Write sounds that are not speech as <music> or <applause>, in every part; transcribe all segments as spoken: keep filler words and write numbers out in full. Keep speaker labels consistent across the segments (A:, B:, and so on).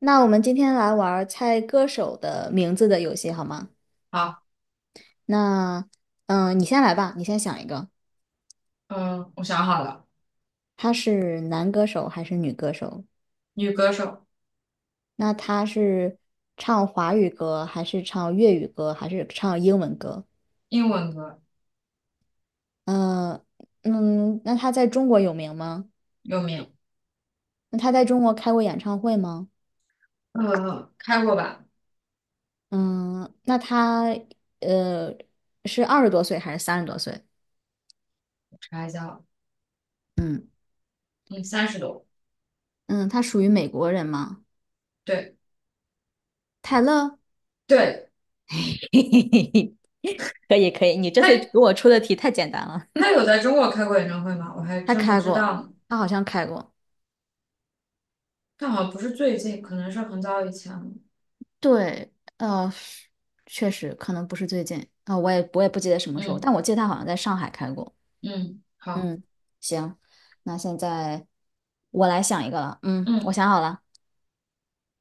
A: 那我们今天来玩儿猜歌手的名字的游戏好吗？
B: 好。
A: 那，嗯、你先来吧，你先想一个，
B: 嗯，我想好了。
A: 他是男歌手还是女歌手？
B: 女歌手。
A: 那他是唱华语歌还是唱粤语歌还是唱英文歌？
B: 英文歌。
A: 嗯、嗯，那他在中国有名吗？
B: 有名。
A: 那他在中国开过演唱会吗？
B: 呃，开过吧。
A: 嗯，那他呃是二十多岁还是三十多岁？
B: 查一下。嗯，三十多。
A: 嗯，他属于美国人吗？
B: 对
A: 泰勒。
B: 对，
A: <laughs> 嘿嘿嘿嘿，可以可以，你这次
B: 她
A: 给我出的题太简单了。
B: 她有在中国开过演唱会吗？我还
A: <laughs> 他
B: 真不
A: 开
B: 知
A: 过，
B: 道呢，
A: 他好像开过。
B: 但好像不是最近，可能是很早以前了。
A: 对，呃，确实可能不是最近啊、呃我也我也不记得什么时候，但
B: 嗯
A: 我记得他好像在上海开过。
B: 嗯，好。
A: 嗯，行，那现在我来想一个了。嗯，我
B: 嗯，
A: 想好了。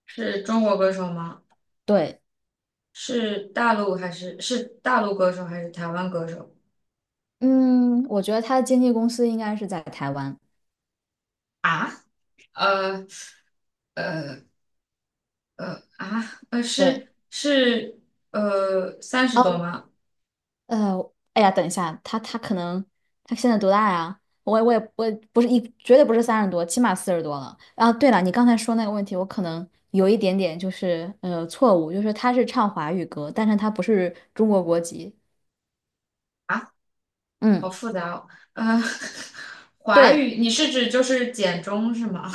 B: 是中国歌手吗？
A: 对，
B: 是大陆还是是大陆歌手还是台湾歌手
A: 嗯，我觉得他的经纪公司应该是在台湾。
B: 啊？呃呃呃啊呃
A: 对，
B: 是是呃三十多
A: 哦，
B: 吗？
A: 呃，哎呀，等一下，他他可能他现在多大呀？我也我也我也不是一，绝对不是三十多，起码四十多了。啊，对了，你刚才说那个问题，我可能有一点点就是呃错误，就是他是唱华语歌，但是他不是中国国籍。
B: 啊？好
A: 嗯，
B: 复杂哦。呃，<laughs> 华
A: 对，
B: 语，你是指就是简中是吗？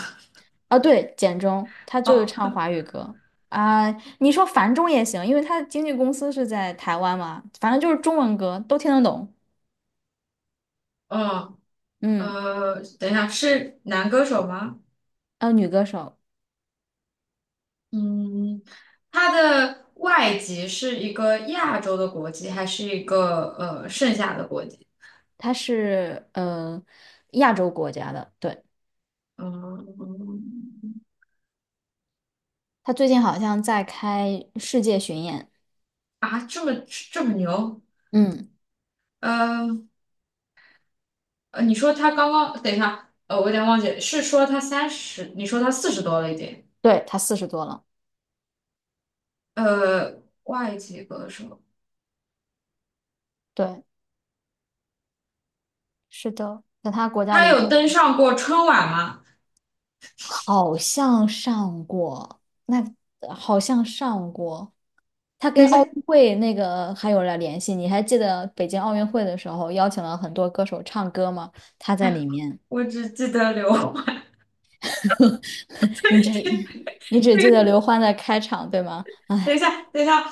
A: 啊对，简中他
B: <laughs>
A: 就是
B: 哦。
A: 唱华语歌啊。你说繁中也行，因为他的经纪公司是在台湾嘛，反正就是中文歌都听得懂。
B: 嗯。
A: 嗯，
B: 呃，等一下，是男歌手吗？
A: 呃，女歌手，
B: 嗯，他的外籍是一个亚洲的国籍，还是一个呃剩下的国籍？
A: 她是呃亚洲国家的，对。
B: 嗯，
A: 他最近好像在开世界巡演，
B: 这么这么牛？
A: 嗯，
B: 呃，呃你说他刚刚，等一下，呃，我有点忘记了，是说他三十，你说他四十多了一点？
A: 对，他四十多了，
B: 呃，外籍歌手，
A: 对，是的，在他国家
B: 他
A: 离
B: 有
A: 中国
B: 登上过春晚吗？
A: 好像上过，那好像上过，他
B: 等
A: 跟
B: 一下，
A: 奥运会那个还有了联系，你还记得北京奥运会的时候邀请了很多歌手唱歌吗？他在里面，
B: 我只记得刘欢。
A: <laughs> 你只你只记得刘欢的开场，对吗？
B: 等一
A: 哎，
B: 下，等一下，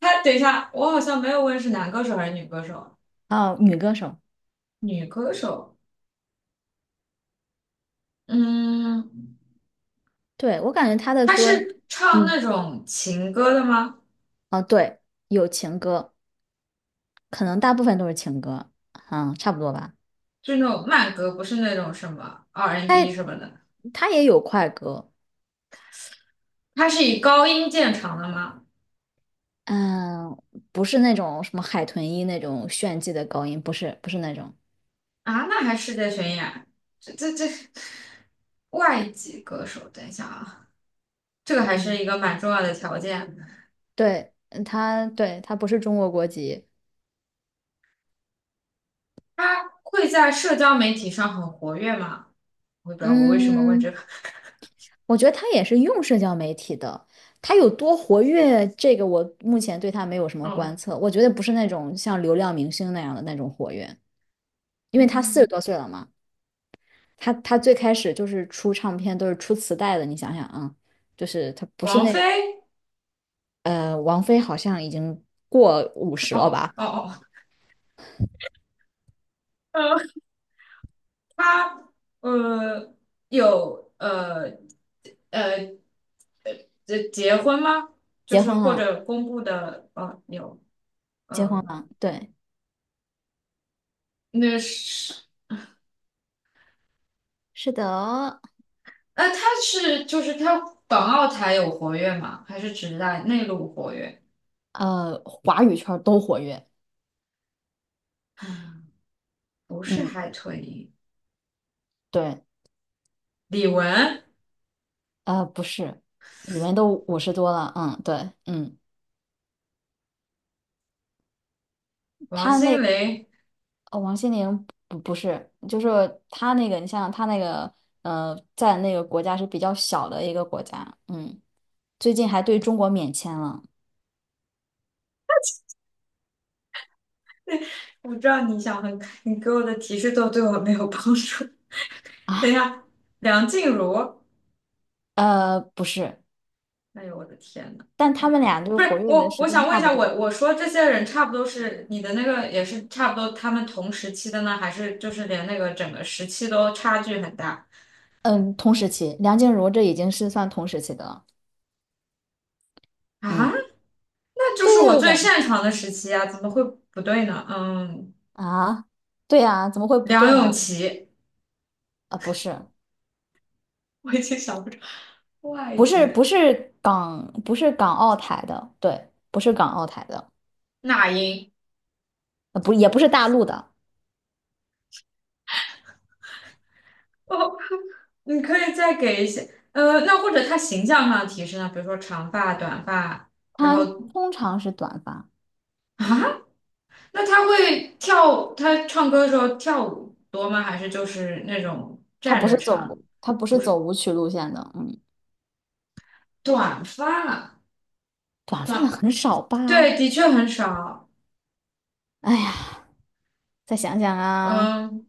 B: 他等一下，我好像没有问是男歌手还是女歌手。
A: 哦，女歌手，
B: 女歌手。嗯，
A: 对，我感觉他的
B: 他
A: 歌，
B: 是唱那
A: 嗯，
B: 种情歌的吗？
A: 哦，对，有情歌。可能大部分都是情歌，嗯，差不多吧。
B: 就是那种慢歌，不是那种什么 R and B N
A: 他
B: 什么的。
A: 他也有快歌，
B: 他是以高音见长的吗？
A: 嗯，不是那种什么海豚音那种炫技的高音，不是不是那种。
B: 啊，那还是界巡演。这这这，外籍歌手，等一下啊，这个还是
A: 嗯，
B: 一个蛮重要的条件。
A: 对，嗯他，对，他不是中国国籍。
B: 他会在社交媒体上很活跃吗？我也不知道我为什么问这
A: 嗯，
B: 个。<laughs>
A: 我觉得他也是用社交媒体的，他有多活跃，这个我目前对他没有什么
B: 哦。
A: 观测。我觉得不是那种像流量明星那样的那种活跃，因为他四十
B: 嗯。
A: 多岁了嘛。他他最开始就是出唱片都是出磁带的，你想想啊，就是他不是
B: 王
A: 那
B: 菲。
A: 呃，王菲好像已经过五十了
B: 哦
A: 吧，
B: 哦哦，呃，她呃有呃呃结结婚吗？就
A: 结
B: 是
A: 婚
B: 或
A: 了，
B: 者公布的呃有
A: 结婚
B: 呃
A: 了，对，
B: 那是
A: 是的，
B: 呃她是就是她港澳台有活跃吗？还是只在内陆活跃？
A: 呃，华语圈都活跃，
B: 不是
A: 嗯，
B: 海豚音。
A: 对，
B: 李玟、
A: 呃，不是，李玟都五十多了，嗯，对，嗯，
B: 王
A: 他
B: 心
A: 那
B: 凌。
A: 哦王心凌不不是，就是他那个，你想想他那个，呃，在那个国家是比较小的一个国家，嗯，最近还对中国免签了。
B: 我知道你想很，你给我的提示都对我没有帮助。
A: <laughs>
B: <laughs> 等一
A: 啊。
B: 下，梁静茹，
A: 呃，不是，
B: 哎呦，我的天呐。
A: 但他
B: 嗯，
A: 们俩就是
B: 不是，
A: 活跃的
B: 我，
A: 时
B: 我
A: 间
B: 想问
A: 差
B: 一
A: 不
B: 下，
A: 多。
B: 我我说这些人差不多，是你的那个也是差不多，他们同时期的呢，还是就是连那个整个时期都差距很大？
A: 嗯，同时期，梁静茹这已经是算同时期的了。
B: 啊？
A: 嗯，
B: 那就
A: 对
B: 是我
A: 对对
B: 最
A: 对
B: 擅长的时期啊，怎么会不对呢？嗯。
A: 啊，对呀、怎么会不
B: 梁
A: 对呢？
B: 咏琪。
A: 啊，不是，
B: 我已经想不出。外
A: 不是，不
B: 籍。
A: 是港，不是港澳台的，对，不是港澳台的，
B: 那英。
A: 呃不，也不是大陆的，
B: 哦，你可以再给一些呃，那或者他形象上的提示呢，比如说长发、短发，然
A: 他
B: 后
A: 通常是短发，
B: 啊，那他会跳，他唱歌的时候跳舞多吗？还是就是那种
A: 他
B: 站
A: 不
B: 着
A: 是
B: 唱？
A: 走，他不
B: 不
A: 是走
B: 是
A: 舞曲路线的，嗯，
B: 短发。
A: 短发的
B: 短，
A: 很少吧？
B: 对，的确很少。
A: 哎呀，再想想啊，
B: 嗯，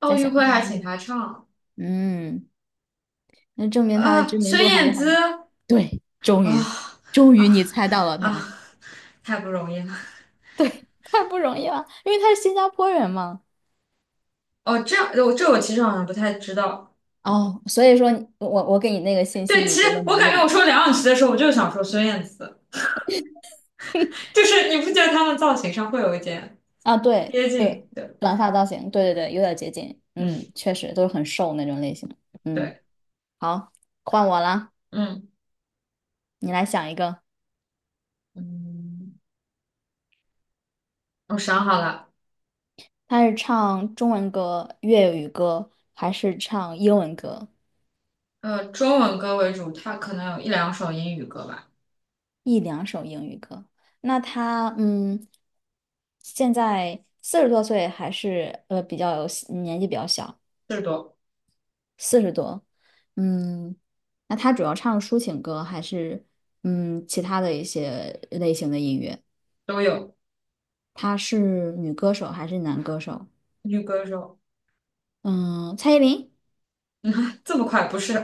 B: 奥
A: 再
B: 运
A: 想
B: 会还请
A: 想，
B: 他唱。
A: 嗯。那证明他的
B: 呃，
A: 知名
B: 孙
A: 度还是
B: 燕
A: 很……
B: 姿。
A: 对，终
B: 啊
A: 于，终于你
B: 啊
A: 猜到了他，
B: 啊，太不容易了。
A: 太不容易了，因为他是新加坡人嘛。
B: 哦，这样，我这我其实好像不太知道。
A: 哦，所以说你我我给你那个信息，
B: 对，
A: 你
B: 其实
A: 觉得没
B: 我感
A: 用
B: 觉我说梁咏琪的时候，我就想说孙燕姿，就是你不觉得他们造型上会有一点
A: 啊？对
B: 接
A: 对，
B: 近？对。
A: 短发造型，对对对，有点接近，嗯，
B: 嗯。
A: 确实都是很瘦那种类型。嗯，
B: 对。
A: 好，换我啦，
B: 嗯
A: 你来想一个，
B: 嗯。我想好了。
A: 他是唱中文歌、粤语歌还是唱英文歌？
B: 呃，中文歌为主，它可能有一两首英语歌吧。
A: 一两首英语歌。那他嗯，现在四十多岁，还是呃比较有年纪比较小，
B: 四十多。
A: 四十多。嗯，那他主要唱抒情歌还是嗯其他的一些类型的音乐？
B: 都有。
A: 他是女歌手还是男歌手？
B: 女歌手。
A: 嗯，蔡依林
B: 这么快？不是，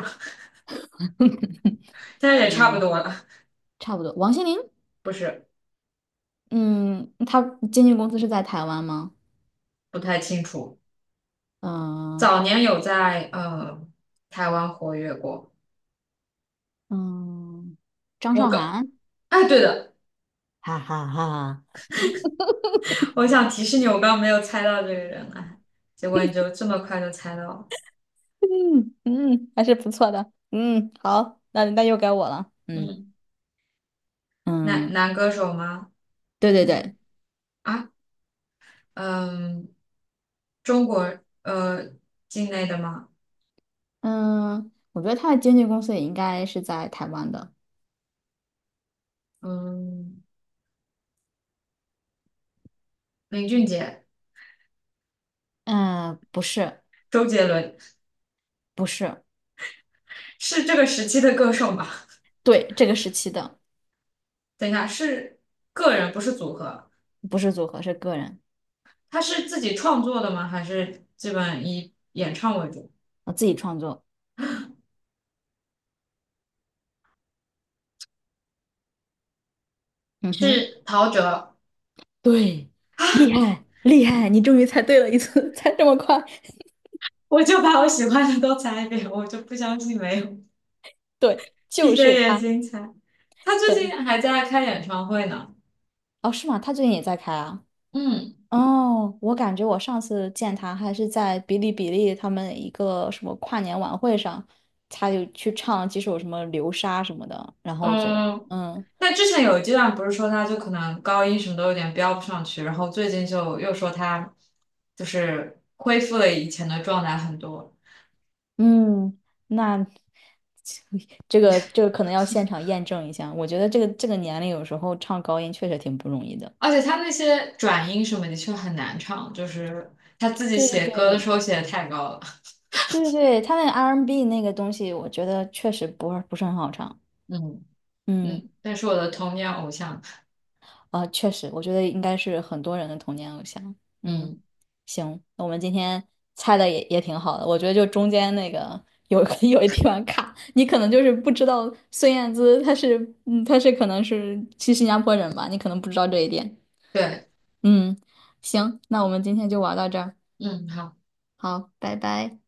A: <laughs>，
B: 但是也差不
A: 嗯，
B: 多了。
A: 差不多。王心凌，
B: 不是。
A: 嗯，他经纪公司是在台湾吗？
B: 不太清楚。
A: 嗯
B: 早年有在呃台湾活跃过。
A: 嗯，张
B: 我
A: 韶
B: 刚，
A: 涵。
B: 哎，对的，
A: 哈哈哈
B: 我想提示你，我刚没有猜到这个人哎，结果你就这么快就猜到了。
A: 嗯嗯，还是不错的。嗯，好，那那又该我了。嗯
B: 嗯，男
A: 嗯，
B: 男歌手吗？
A: 对对对，
B: 嗯啊，嗯，中国呃境内的吗？
A: 嗯，我觉得他的经纪公司也应该是在台湾的。
B: 嗯，林俊杰。
A: 嗯，不是
B: 周杰伦。
A: 不是，
B: 是这个时期的歌手吗？
A: 对，这个时期的
B: 等一下，是个人不是组合，
A: 不是组合，是个人，
B: 他是自己创作的吗？还是基本以演唱为主？
A: 我自己创作。嗯哼，
B: 是陶喆。
A: 对，厉害厉害，你终于猜对了一次，<laughs> 猜这么快。
B: 我就把我喜欢的都猜一遍，我就不相信没有。
A: 对，
B: 闭
A: 就
B: 着
A: 是
B: 眼
A: 他。
B: 睛猜。他最
A: 对，
B: 近还在开演唱会呢。
A: 哦，是吗？他最近也在开啊。
B: 嗯
A: 哦，我感觉我上次见他还是在哔哩哔哩他们一个什么跨年晚会上，他就去唱几首什么《流沙》什么的，然后我觉得，
B: 嗯。
A: 嗯
B: 那之前有一阶段不是说他就可能高音什么都有点飙不上去，然后最近就又说他就是恢复了以前的状态很多。
A: 嗯，那 <laughs> 这个这个可能要现场验证一下。我觉得这个这个年龄有时候唱高音确实挺不容易的。
B: 而且他那些转音什么的确很难唱，就是他自己
A: 对对
B: 写歌的时
A: 对
B: 候写的太高了。
A: 对对对，他那个 R&B 那个东西，我觉得确实不是不是很好唱。
B: 嗯
A: 嗯。
B: 嗯，但是我的童年偶像。
A: 啊，确实，我觉得应该是很多人的童年偶像。嗯，
B: 嗯，
A: 行，那我们今天猜的也也挺好的，我觉得就中间那个有 <laughs> 有一地方卡，你可能就是不知道孙燕姿她是，嗯，她是可能是去新加坡人吧，你可能不知道这一点。
B: 对。
A: 嗯，行，那我们今天就玩到这儿，
B: 嗯，好。
A: 好，拜拜。